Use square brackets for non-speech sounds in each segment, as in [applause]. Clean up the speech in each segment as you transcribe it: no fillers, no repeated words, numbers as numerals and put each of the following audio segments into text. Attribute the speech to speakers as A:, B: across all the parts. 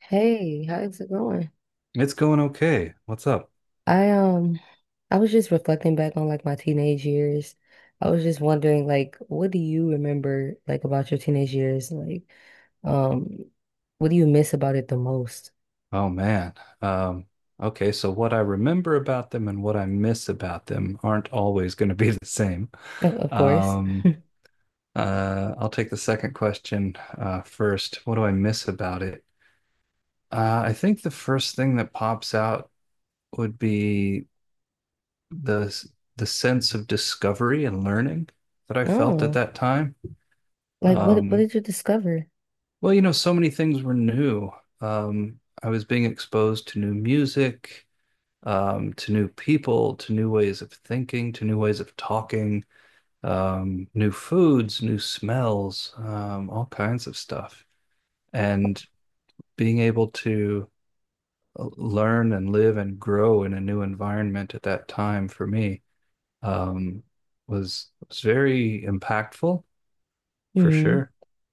A: Hey, how's it going?
B: It's going okay. What's up?
A: I I was just reflecting back on like my teenage years. I was just wondering like what do you remember like about your teenage years? Like um what do you miss about it the most? [laughs]
B: Oh man. Um, okay, so what I remember about them and what I miss about them aren't always going to be [laughs] the same.
A: Of course.
B: Um, I'll take the second question first. What do I miss about it? I think the first thing that pops out would be the the sense of discovery and learning that I felt at
A: Oh,
B: that time.
A: like what
B: Um,
A: did you discover?
B: well, you know, so many things were new. I was being exposed to new music, to new people, to new ways of thinking, to new ways of talking, new foods, new smells, all kinds of stuff. And being able to learn and live and grow in a new environment at that time for me, um, was very impactful for
A: Hmm.
B: sure.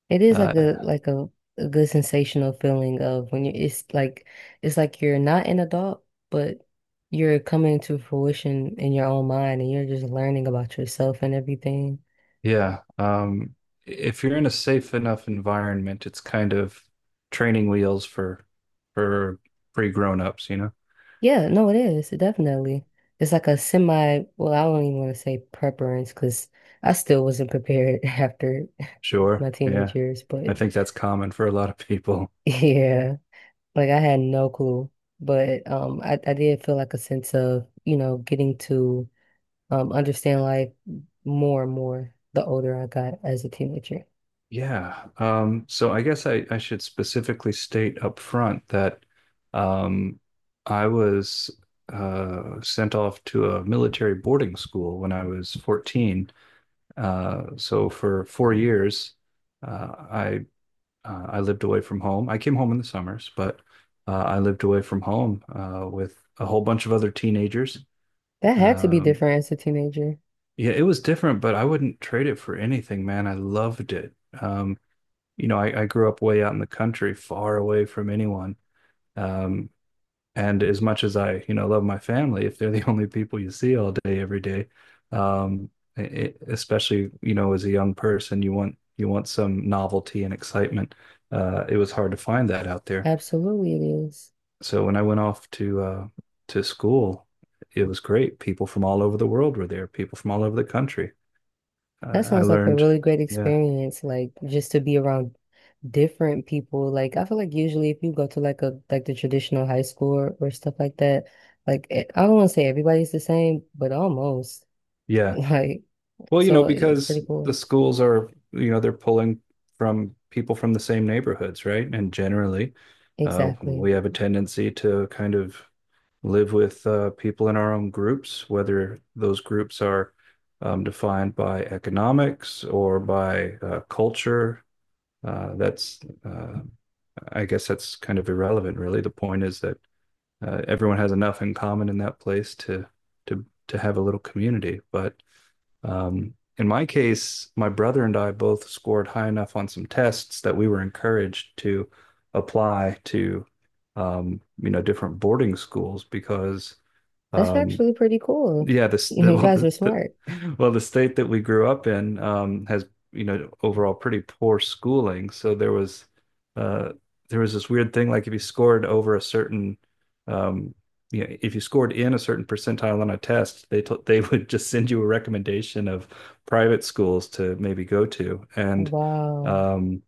A: It is like
B: Uh,
A: a a good sensational feeling of when you it's like you're not an adult, but you're coming to fruition in your own mind and you're just learning about yourself and everything.
B: yeah, if you're in a safe enough environment, it's kind of training wheels for for pre grown ups, you know.
A: Yeah, no, it is. Definitely. It's like a semi, well, I don't even want to say preference because I still wasn't prepared [laughs] after
B: Sure.
A: my
B: Yeah.
A: teenage years,
B: I
A: but
B: think that's common for a lot of people.
A: [laughs] yeah, like I had no clue. I did feel like a sense of, getting to understand life more and more the older I got as a teenager.
B: Yeah. So I guess I should specifically state up front that, um, I was sent off to a military boarding school when I was 14. So for 4 years, uh, I I lived away from home. I came home in the summers, but I lived away from home with a whole bunch of other teenagers.
A: That had to be
B: Um,
A: different as a teenager.
B: Yeah, it was different, but I wouldn't trade it for anything, man. I loved it. Um, I grew up way out in the country, far away from anyone. Um, and as much as I, you know, love my family, if they're the [laughs] only people you see all day, every day, um, it, especially, you know, as a young person, you want some novelty and excitement. It was hard to find that out there.
A: Absolutely it is.
B: So when I went off to school, it was great. People from all over the world were there, people from all over the country. I
A: That
B: I
A: sounds like a
B: learned.
A: really great
B: Yeah.
A: experience, like just to be around different people. Like I feel like usually if you go to like a like the traditional high school or stuff like that, like it, I don't want to say everybody's the same, but almost. [laughs]
B: Yeah.
A: Like
B: Well, you know,
A: so it's pretty
B: because
A: cool.
B: the schools are, you know, they're pulling from people from the same neighborhoods, right? And generally,
A: Exactly.
B: we have a tendency to kind of live with people in our own groups, whether those groups are, defined by economics or by culture. Uh, that's, uh, I guess that's kind of irrelevant, really. The point is that, everyone has enough in common in that place to to have a little community. But, in my case, my brother and I both scored high enough on some tests that we were encouraged to apply to, you know, different boarding schools because,
A: That's
B: um,
A: actually pretty cool. [laughs]
B: yeah, this the, [laughs]
A: You
B: well
A: guys
B: the,
A: were
B: the
A: smart.
B: the state that we grew up in, has, you know, overall pretty poor schooling. So there was, uh, there was this weird thing like if you scored over a certain, um, you know, if you scored in a certain percentile on a test, they t- they [laughs] would just send you a recommendation of private schools to maybe go to. And,
A: Wow.
B: um,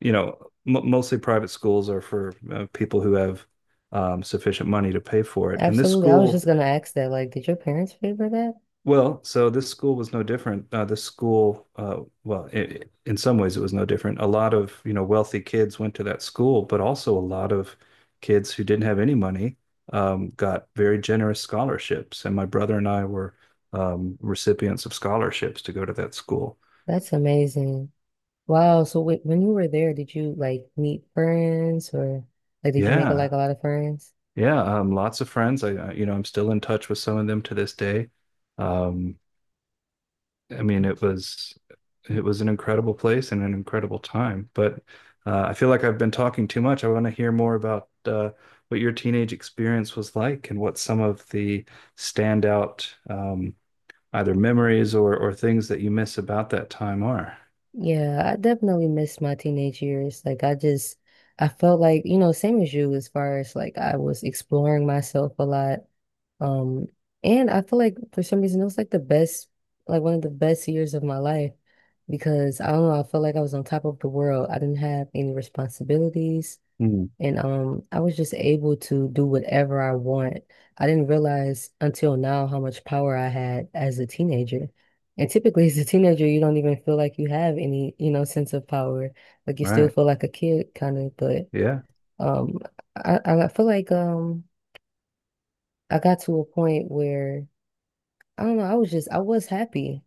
B: you know, m mostly private schools are for people who have, sufficient money to pay for it. And this
A: Absolutely. I was just
B: school,
A: gonna ask that. Like, did your parents favor that?
B: this school was no different. This school, well, I In some ways, it was no different. A lot of, you know, wealthy kids went to that school, but also a lot of kids who didn't have any money, got very generous scholarships. And my brother and I were, recipients of scholarships to go to that school.
A: That's amazing. Wow. So when you were there, did you like meet friends or like did you make
B: Yeah,
A: like a lot of friends?
B: yeah, lots of friends. I, you know, I'm still in touch with some of them to this day. Um, I mean, it was an incredible place and an incredible time. But, I feel like I've been talking too much. I want to hear more about what your teenage experience was like and what some of the standout, either memories or things that you miss about that time are.
A: Yeah, I definitely miss my teenage years. Like I just I felt like, you know, same as you as far as like I was exploring myself a lot. Um and I feel like for some reason it was like the best like one of the best years of my life because I don't know, I felt like I was on top of the world. I didn't have any responsibilities.
B: Hmm.
A: And I was just able to do whatever I want. I didn't realize until now how much power I had as a teenager. And typically, as a teenager, you don't even feel like you have any, you know, sense of power. Like you still
B: Right.
A: feel like a kid, kind of. But
B: Yeah.
A: um, I feel like I got to a point where I don't know. I was happy.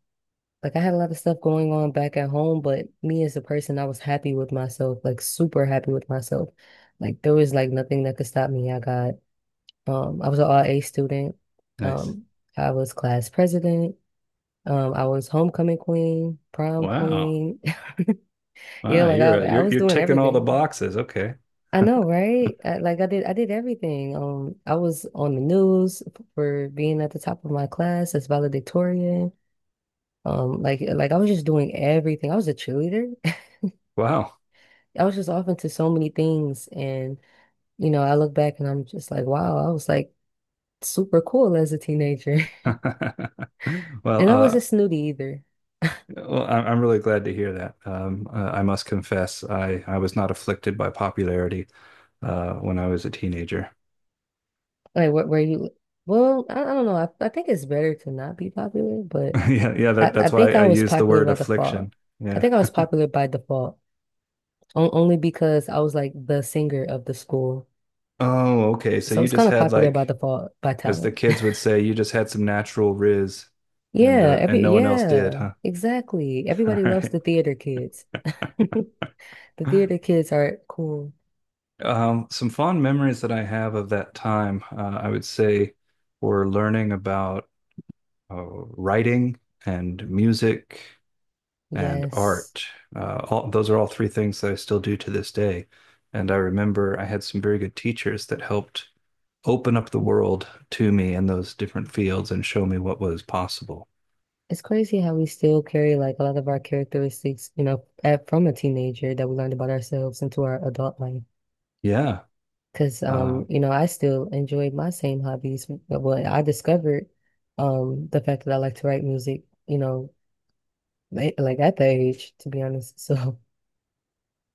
A: Like I had a lot of stuff going on back at home, but me as a person, I was happy with myself, like super happy with myself. Like there was like nothing that could stop me. I got. I was an RA student.
B: Nice.
A: Um, I was class president. I was homecoming queen, prom
B: Wow.
A: queen. [laughs] Yeah,
B: Wow. You're uh,
A: like, I
B: you're
A: was
B: you're
A: doing
B: ticking all the
A: everything.
B: boxes. Okay.
A: I know, right? I did everything. I was on the news for being at the top of my class as valedictorian. I was just doing everything. I was a cheerleader.
B: Wow.
A: [laughs] I was just off into so many things, and you know, I look back and I'm just like, wow, I was like super cool as a teenager,
B: [laughs]
A: [laughs]
B: Well,
A: and I wasn't snooty either.
B: I'm really glad to hear that. I must confess, I was not afflicted by popularity when I was a teenager.
A: Like where you well, I don't know. I think it's better to not be popular, but
B: [laughs] Yeah, yeah,
A: I, I
B: that's why
A: think
B: I
A: I was
B: used the
A: popular
B: word
A: by default.
B: affliction.
A: I
B: Yeah.
A: think I was popular by default, only because I was like the singer of the school.
B: Oh, okay. So
A: So I
B: you
A: was
B: just
A: kind of
B: had
A: popular by
B: like,
A: default by
B: as the
A: talent. [laughs]
B: kids would say, you just had some natural riz, and
A: Yeah,
B: uh, and
A: every
B: no one else did,
A: yeah,
B: huh?
A: exactly.
B: [laughs] All
A: Everybody loves
B: right.
A: the theater kids. [laughs] The theater kids are cool.
B: Some fond memories that I have of that time, I would say, were learning about writing and music and
A: Yes.
B: art. All, those are all three things that I still do to this day. And I remember I had some very good teachers that helped open up the world to me in those different fields and show me what was possible.
A: It's crazy how we still carry like a lot of our characteristics, you know, from a teenager that we learned about ourselves into our adult life.
B: Yeah.
A: Because
B: Uh,
A: you know, I still enjoy my same hobbies. Well, I discovered the fact that I like to write music, you know, like at that age, to be honest. [laughs] So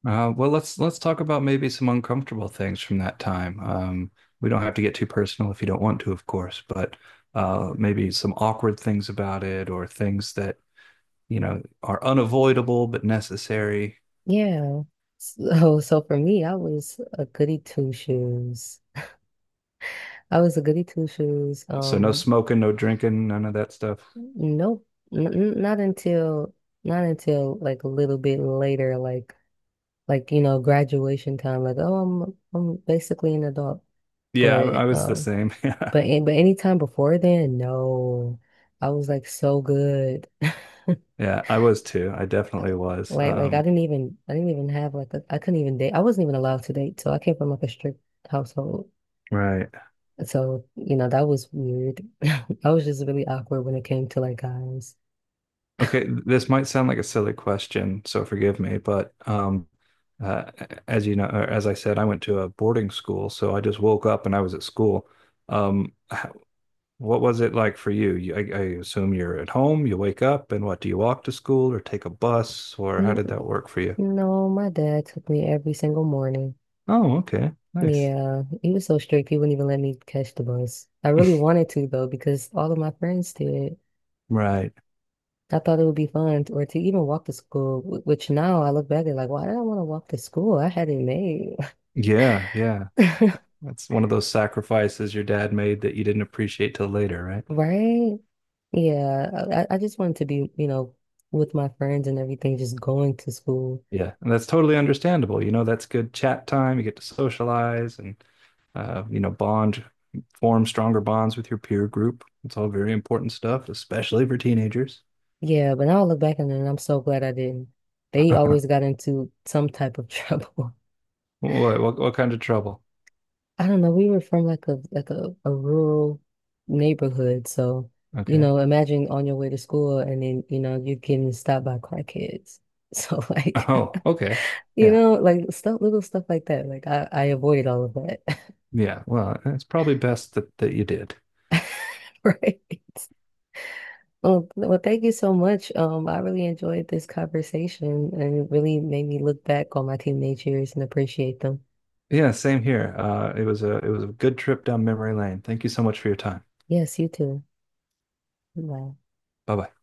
B: well, let's talk about maybe some uncomfortable things from that time. We don't have to get too personal if you don't want to, of course, but, maybe some awkward things about it or things that you know are unavoidable but necessary.
A: yeah. So for me, I was a goody two shoes. I was a goody two shoes.
B: So no smoking, no drinking, none of that stuff.
A: Nope, not until not until like a little bit later, like you know, graduation time. Like, oh, I'm basically an adult.
B: Yeah, I
A: But
B: was the
A: um
B: same. [laughs] Yeah.
A: but anytime before then, no, I was like so good. [laughs]
B: Yeah, I was too. I definitely was.
A: Like I didn't even I didn't even have like a, I couldn't even date. I wasn't even allowed to date. So I came from like a strict household.
B: Right.
A: So you know that was weird. [laughs] I was just really awkward when it came to like guys. [laughs]
B: Okay, this might sound like a silly question, so forgive me, but, uh, as you know, or as I said, I went to a boarding school, so I just woke up and I was at school. Um, h- what was it like for you? I assume you're at home, you wake up, and what, do you walk to school or take a bus, or how
A: Mm,
B: did that work for you?
A: no, my dad took me every single morning.
B: Oh, okay. Nice.
A: Yeah, he was so strict. He wouldn't even let me catch the bus. I really
B: [laughs]
A: wanted to though, because all of my friends did.
B: Right.
A: I thought it would be fun, or to even walk to school. Which now I look back at like, why did I want to walk to school? I had it made,
B: Yeah, yeah.
A: [laughs]
B: That's one of those sacrifices your dad made that you didn't appreciate till later, right?
A: right? Yeah, I just wanted to be, you know, with my friends and everything, just going to school.
B: Yeah, and that's totally understandable. You know, that's good chat time. You get to socialize and, you know, bond, form stronger bonds with your peer group. It's all very important stuff, especially for teenagers. [laughs]
A: Yeah, but now I look back on it, and I'm so glad I didn't. They always got into some type of [laughs] trouble.
B: What kind of trouble?
A: I don't know. We were from like a rural neighborhood, so you
B: Okay.
A: know, imagine on your way to school and then you know you're getting stopped by car kids. So [laughs]
B: [laughs]
A: like
B: Oh, okay.
A: you
B: Yeah.
A: know, like stuff, little stuff like that. Like I avoided all of that,
B: Yeah. Well, it's probably best that you did.
A: [laughs] right? Well, thank you so much. I really enjoyed this conversation, and it really made me look back on my teenage years and appreciate them.
B: Yeah, same here. It was a good trip down memory lane. Thank you so much for your time.
A: Yes, you too. Bye.
B: Bye bye.